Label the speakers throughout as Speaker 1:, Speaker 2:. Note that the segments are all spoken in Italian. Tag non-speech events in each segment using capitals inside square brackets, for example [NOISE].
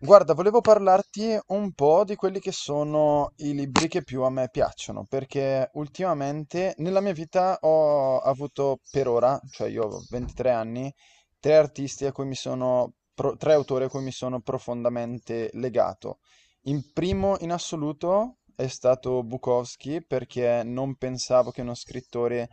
Speaker 1: Guarda, volevo parlarti un po' di quelli che sono i libri che più a me piacciono, perché ultimamente nella mia vita ho avuto per ora, cioè io ho 23 anni, tre artisti a cui mi sono, tre autori a cui mi sono profondamente legato. In primo in assoluto è stato Bukowski, perché non pensavo che uno scrittore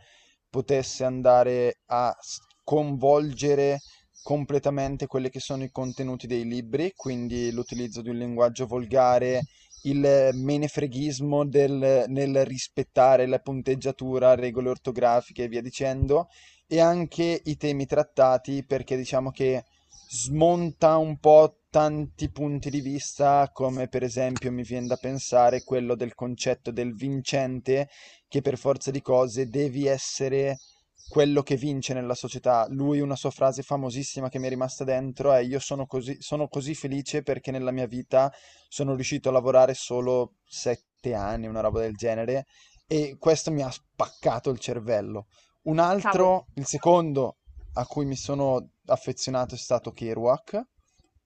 Speaker 1: potesse andare a convolgere completamente quelli che sono i contenuti dei libri, quindi l'utilizzo di un linguaggio volgare, il menefreghismo nel rispettare la punteggiatura, regole ortografiche e via dicendo, e anche i temi trattati perché diciamo che smonta un po' tanti punti di vista, come per esempio mi viene da pensare quello del concetto del vincente, che per forza di cose devi essere quello che vince nella società. Lui, una sua frase famosissima che mi è rimasta dentro è: Io sono così felice perché nella mia vita sono riuscito a lavorare solo sette anni, una roba del genere. E questo mi ha spaccato il cervello. Un
Speaker 2: Cavolo.
Speaker 1: altro, il secondo a cui mi sono affezionato è stato Kerouac.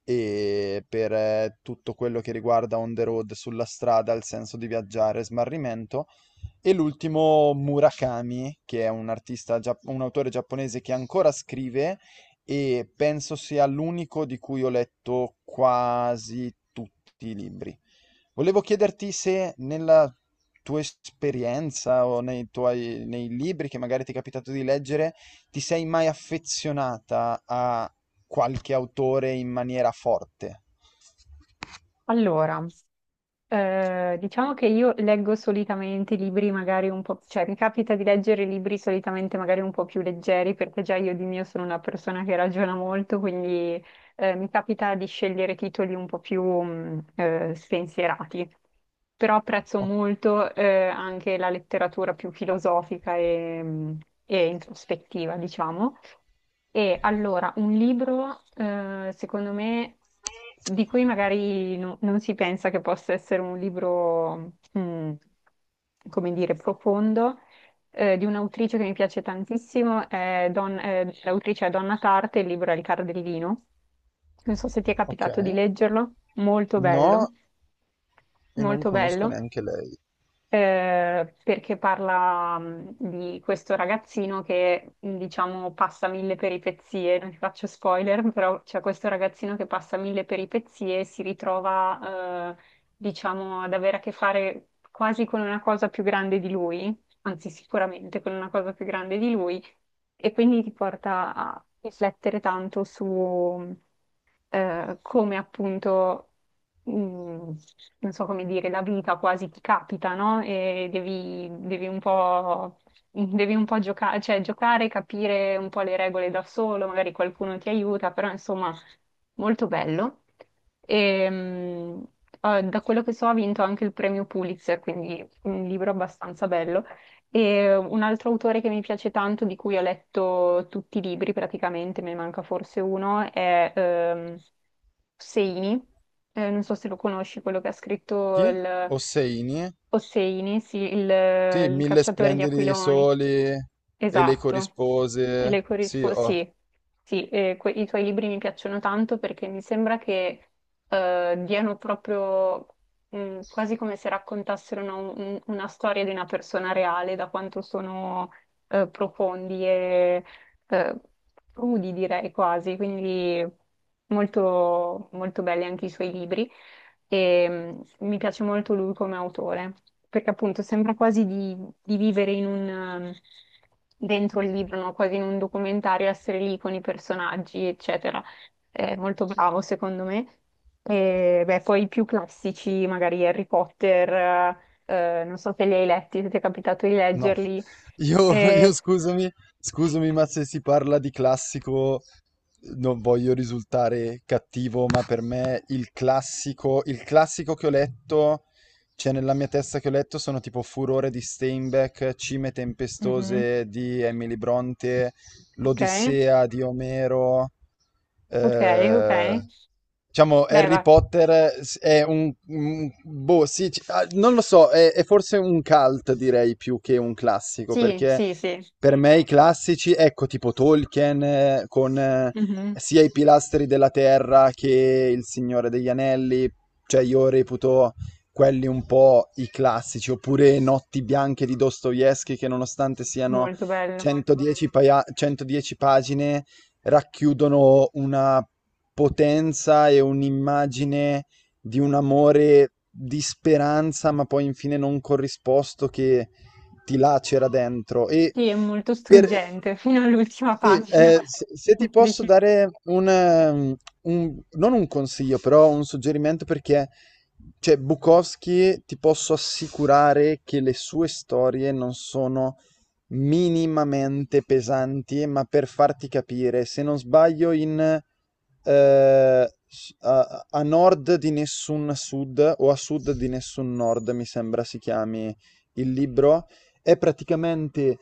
Speaker 1: E per tutto quello che riguarda on the road, sulla strada, il senso di viaggiare, smarrimento. E l'ultimo Murakami, che è un artista, un autore giapponese che ancora scrive e penso sia l'unico di cui ho letto quasi tutti i libri. Volevo chiederti se nella tua esperienza o nei nei libri che magari ti è capitato di leggere, ti sei mai affezionata a qualche autore in maniera forte?
Speaker 2: Allora, diciamo che io leggo solitamente libri magari un po', cioè mi capita di leggere libri solitamente magari un po' più leggeri, perché già io di mio sono una persona che ragiona molto, quindi mi capita di scegliere titoli un po' più spensierati. Però apprezzo
Speaker 1: O-
Speaker 2: molto anche la letteratura più filosofica e introspettiva, diciamo. E allora, un libro, secondo me, di cui magari non si pensa che possa essere un libro, come dire, profondo, di un'autrice che mi piace tantissimo, è l'autrice è Donna Tarte, il libro è Il Cardellino. Non so se ti è
Speaker 1: Ok,
Speaker 2: capitato di leggerlo,
Speaker 1: no, e non
Speaker 2: molto
Speaker 1: conosco
Speaker 2: bello
Speaker 1: neanche lei.
Speaker 2: perché parla di questo ragazzino che, diciamo, passa mille peripezie, non ti faccio spoiler, però c'è questo ragazzino che passa mille peripezie e si ritrova, diciamo, ad avere a che fare quasi con una cosa più grande di lui, anzi sicuramente con una cosa più grande di lui, e quindi ti porta a riflettere tanto su come appunto, mh, non so come dire, la vita quasi ti capita, no? E devi, devi un po', [LAUGHS] devi un po' giocare, cioè giocare, capire un po' le regole da solo, magari qualcuno ti aiuta, però insomma, molto bello. E, da quello che so ha vinto anche il premio Pulitzer, quindi un libro abbastanza bello. E un altro autore che mi piace tanto, di cui ho letto tutti i libri praticamente, me ne manca forse uno, è Hosseini. Non so se lo conosci, quello che ha scritto
Speaker 1: Chi?
Speaker 2: il
Speaker 1: Osseini?
Speaker 2: Hosseini, sì,
Speaker 1: Sì,
Speaker 2: il
Speaker 1: mille
Speaker 2: cacciatore di
Speaker 1: splendidi
Speaker 2: aquiloni.
Speaker 1: soli e le
Speaker 2: Esatto. E
Speaker 1: corrispose.
Speaker 2: le
Speaker 1: Sì,
Speaker 2: corrisponde,
Speaker 1: oh,
Speaker 2: sì, sì, i tuoi libri mi piacciono tanto perché mi sembra che diano proprio mm, quasi come se raccontassero una, una storia di una persona reale, da quanto sono profondi e eh, crudi, direi quasi, quindi molto, molto belli anche i suoi libri e mi piace molto lui come autore, perché appunto sembra quasi di vivere in un, um, dentro il libro, no? Quasi in un documentario, essere lì con i personaggi, eccetera è molto bravo secondo me. E beh, poi i più classici, magari Harry Potter, non so se li hai letti, se ti è capitato di
Speaker 1: no. [LAUGHS]
Speaker 2: leggerli.
Speaker 1: Io,
Speaker 2: Eh,
Speaker 1: scusami, scusami, ma se si parla di classico, non voglio risultare cattivo, ma per me il classico che ho letto, cioè nella mia testa che ho letto, sono tipo Furore di Steinbeck, Cime
Speaker 2: mhm.
Speaker 1: tempestose di Emily Bronte,
Speaker 2: Ok,
Speaker 1: L'Odissea di Omero.
Speaker 2: ok, ok.
Speaker 1: eh, diciamo
Speaker 2: Beh,
Speaker 1: Harry
Speaker 2: va.
Speaker 1: Potter è boh, sì, ah, non lo so, è forse un cult direi più che un classico,
Speaker 2: Sì,
Speaker 1: perché
Speaker 2: sì, sì.
Speaker 1: per me i classici, ecco, tipo Tolkien con
Speaker 2: Mhm.
Speaker 1: sia i pilastri della terra che il Signore degli Anelli, cioè io reputo quelli un po' i classici, oppure Notti bianche di Dostoevsky che nonostante siano
Speaker 2: Molto bello.
Speaker 1: 110 pagine racchiudono una potenza e un'immagine di un amore di speranza, ma poi infine non corrisposto che di là c'era dentro. E
Speaker 2: Sì, è molto
Speaker 1: per,
Speaker 2: struggente [LAUGHS] fino all'ultima
Speaker 1: sì,
Speaker 2: pagina.
Speaker 1: se ti
Speaker 2: [LAUGHS]
Speaker 1: posso
Speaker 2: Decisivo.
Speaker 1: dare non un consiglio, però un suggerimento perché, cioè, Bukowski ti posso assicurare che le sue storie non sono minimamente pesanti, ma per farti capire, se non sbaglio, a nord di nessun sud o a sud di nessun nord, mi sembra si chiami il libro. È praticamente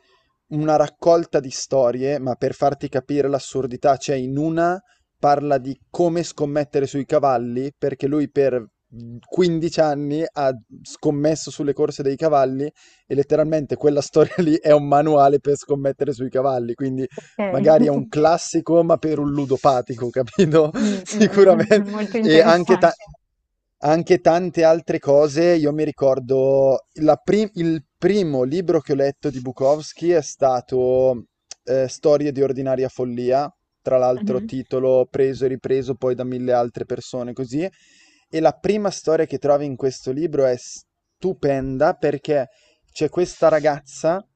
Speaker 1: una raccolta di storie, ma per farti capire l'assurdità, cioè in una parla di come scommettere sui cavalli, perché lui per 15 anni ha scommesso sulle corse dei cavalli e letteralmente quella storia [LAUGHS] lì è un manuale per scommettere sui cavalli, quindi
Speaker 2: Ok.
Speaker 1: magari è un
Speaker 2: [LAUGHS]
Speaker 1: classico, ma per un ludopatico, capito?
Speaker 2: Mm,
Speaker 1: [LAUGHS]
Speaker 2: mm,
Speaker 1: Sicuramente.
Speaker 2: mm, molto
Speaker 1: E anche,
Speaker 2: interessante.
Speaker 1: anche tante altre cose. Io mi ricordo la il primo libro che ho letto di Bukowski è stato Storie di ordinaria follia, tra l'altro
Speaker 2: Mhm.
Speaker 1: titolo preso e ripreso poi da mille altre persone così. E la prima storia che trovi in questo libro è stupenda perché c'è questa ragazza,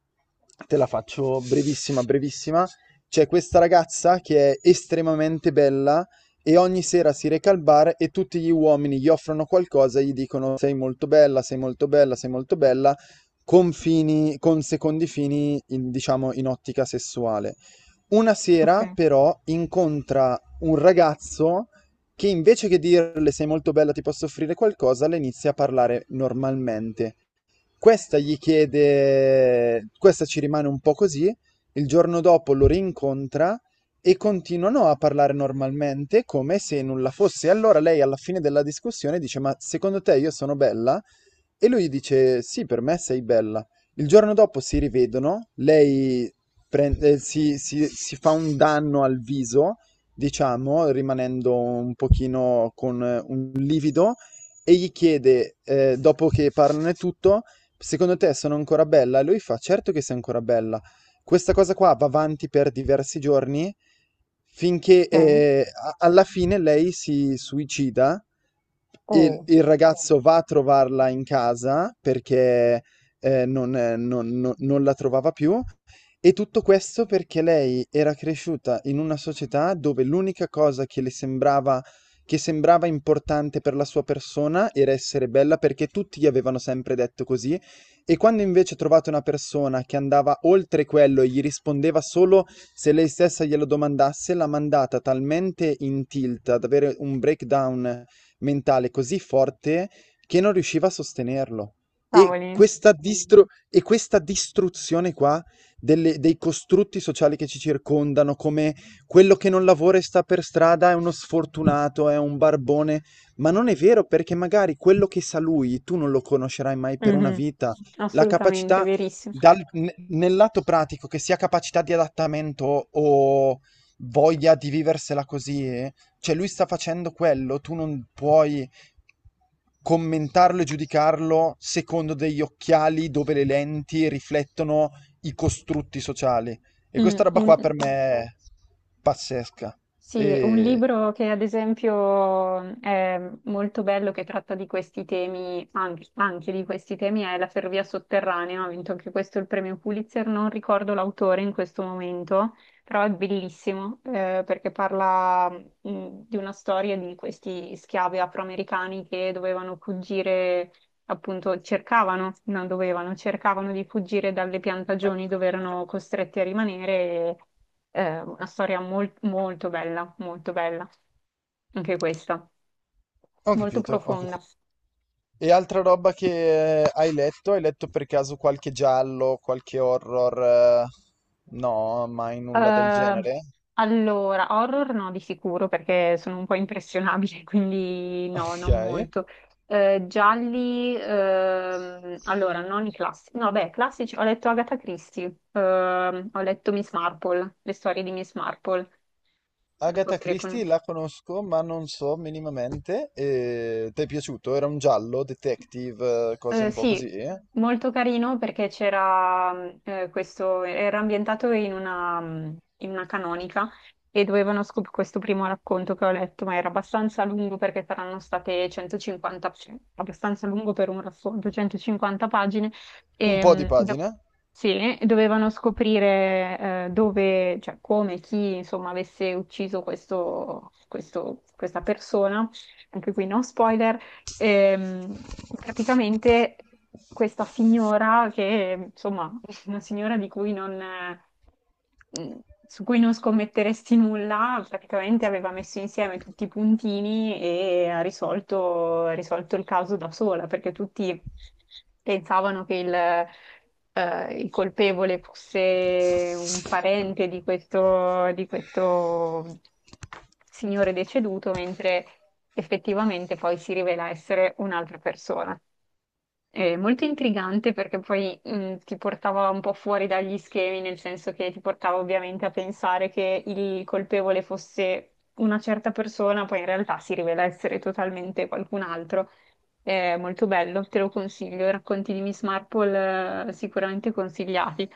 Speaker 1: te la faccio brevissima, brevissima, c'è questa ragazza che è estremamente bella e ogni sera si reca al bar e tutti gli uomini gli offrono qualcosa e gli dicono sei molto bella, sei molto bella, sei molto bella, con fini, con secondi fini, diciamo, in ottica sessuale. Una
Speaker 2: Ok,
Speaker 1: sera però incontra un ragazzo che invece che dirle sei molto bella, ti posso offrire qualcosa, le inizia a parlare normalmente. Questa gli chiede, questa ci rimane un po' così, il giorno dopo lo rincontra e continuano a parlare normalmente come se nulla fosse. Allora lei alla fine della discussione dice: Ma secondo te io sono bella? E lui dice: Sì, per me sei bella. Il giorno dopo si rivedono, lei si fa un danno al viso, diciamo, rimanendo un pochino con un livido, e gli chiede, dopo che parlano e tutto, Secondo te sono ancora bella? E lui fa: Certo che sei ancora bella. Questa cosa qua va avanti per diversi giorni finché
Speaker 2: ok.
Speaker 1: alla fine lei si suicida. Il,
Speaker 2: Oh,
Speaker 1: il ragazzo va a trovarla in casa perché non la trovava più. E tutto questo perché lei era cresciuta in una società dove l'unica cosa che le sembrava, che sembrava importante per la sua persona era essere bella perché tutti gli avevano sempre detto così e quando invece trovate una persona che andava oltre quello e gli rispondeva solo se lei stessa glielo domandasse, l'ha mandata talmente in tilt ad avere un breakdown mentale così forte che non riusciva a sostenerlo. E
Speaker 2: cavoli.
Speaker 1: e questa distruzione qua dei costrutti sociali che ci circondano, come quello che non lavora e sta per strada è uno sfortunato, è un barbone, ma non è vero perché magari quello che sa lui tu non lo conoscerai mai per una
Speaker 2: Mhm.
Speaker 1: vita. La
Speaker 2: Assolutamente,
Speaker 1: capacità
Speaker 2: verissimo.
Speaker 1: nel lato pratico, che sia capacità di adattamento o voglia di viversela così, cioè lui sta facendo quello, tu non puoi commentarlo e giudicarlo secondo degli occhiali dove le lenti riflettono i costrutti sociali. E questa
Speaker 2: Mm,
Speaker 1: roba qua
Speaker 2: un-
Speaker 1: per me è pazzesca.
Speaker 2: sì, un
Speaker 1: E
Speaker 2: libro che ad esempio è molto bello, che tratta di questi temi, anche, anche di questi temi, è La ferrovia sotterranea, ha vinto anche questo il premio Pulitzer, non ricordo l'autore in questo momento, però è bellissimo perché parla di una storia di questi schiavi afroamericani che dovevano fuggire appunto cercavano, non dovevano, cercavano di fuggire dalle piantagioni dove erano costretti a rimanere. E, una storia molto bella, anche questa,
Speaker 1: ho
Speaker 2: molto
Speaker 1: capito, ho
Speaker 2: profonda.
Speaker 1: capito. E altra roba che hai letto? Hai letto per caso qualche giallo, qualche horror? Eh? No, mai nulla del
Speaker 2: Eh,
Speaker 1: genere?
Speaker 2: allora, horror no, di sicuro, perché sono un po' impressionabile, [LAUGHS] quindi
Speaker 1: [LAUGHS]
Speaker 2: no,
Speaker 1: Ok.
Speaker 2: non molto. Gialli, allora, non i classici. No, beh, classici, ho letto Agatha Christie, ho letto Miss Marple, le storie di Miss Marple. Non so
Speaker 1: Agatha
Speaker 2: se le
Speaker 1: Christie
Speaker 2: conosci.
Speaker 1: la conosco, ma non so minimamente. E... ti è piaciuto? Era un giallo, detective, cose un po' così?
Speaker 2: Sì,
Speaker 1: Eh?
Speaker 2: molto carino perché c'era questo, era ambientato in una canonica e dovevano scoprire questo primo racconto che ho letto, ma era abbastanza lungo perché saranno state 150, sì, abbastanza lungo per un racconto, 150 pagine,
Speaker 1: Un
Speaker 2: e,
Speaker 1: po' di pagina?
Speaker 2: sì, dovevano scoprire dove, cioè come, chi insomma avesse ucciso questa persona, anche qui no spoiler. Ehm, praticamente questa signora, che insomma, [LAUGHS] una signora di cui non, mh, su cui non scommetteresti nulla, praticamente aveva messo insieme tutti i puntini e ha risolto il caso da sola, perché tutti pensavano che il colpevole fosse un parente di questo signore deceduto, mentre effettivamente poi si rivela essere un'altra persona. È molto intrigante perché poi ti portava un po' fuori dagli schemi, nel senso che ti portava ovviamente a pensare che il colpevole fosse una certa persona, poi in realtà si rivela essere totalmente qualcun altro. È molto bello, te lo consiglio. I racconti di Miss Marple sicuramente consigliati.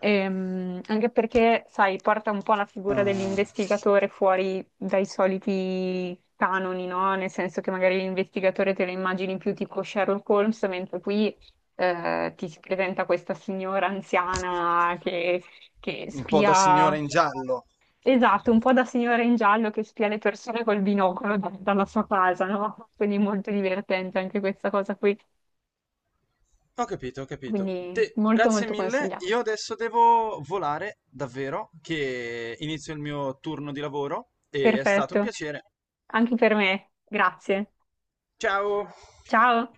Speaker 2: Anche perché, sai, porta un po' la figura
Speaker 1: Ah,
Speaker 2: dell'investigatore fuori dai soliti canoni, no? Nel senso che magari l'investigatore te lo immagini più tipo Sherlock Holmes, mentre qui ti si presenta questa signora anziana che
Speaker 1: un po' da signora
Speaker 2: spia,
Speaker 1: in giallo.
Speaker 2: esatto, un po' da signora in giallo che spia le persone col binocolo dalla sua casa, no? Quindi molto divertente anche questa cosa qui,
Speaker 1: Ho capito, ho capito.
Speaker 2: quindi molto
Speaker 1: Grazie
Speaker 2: molto
Speaker 1: mille.
Speaker 2: consigliata.
Speaker 1: Io adesso devo volare, davvero, che inizio il mio turno di lavoro e è stato un
Speaker 2: Perfetto,
Speaker 1: piacere.
Speaker 2: anche per me, grazie.
Speaker 1: Ciao!
Speaker 2: Ciao,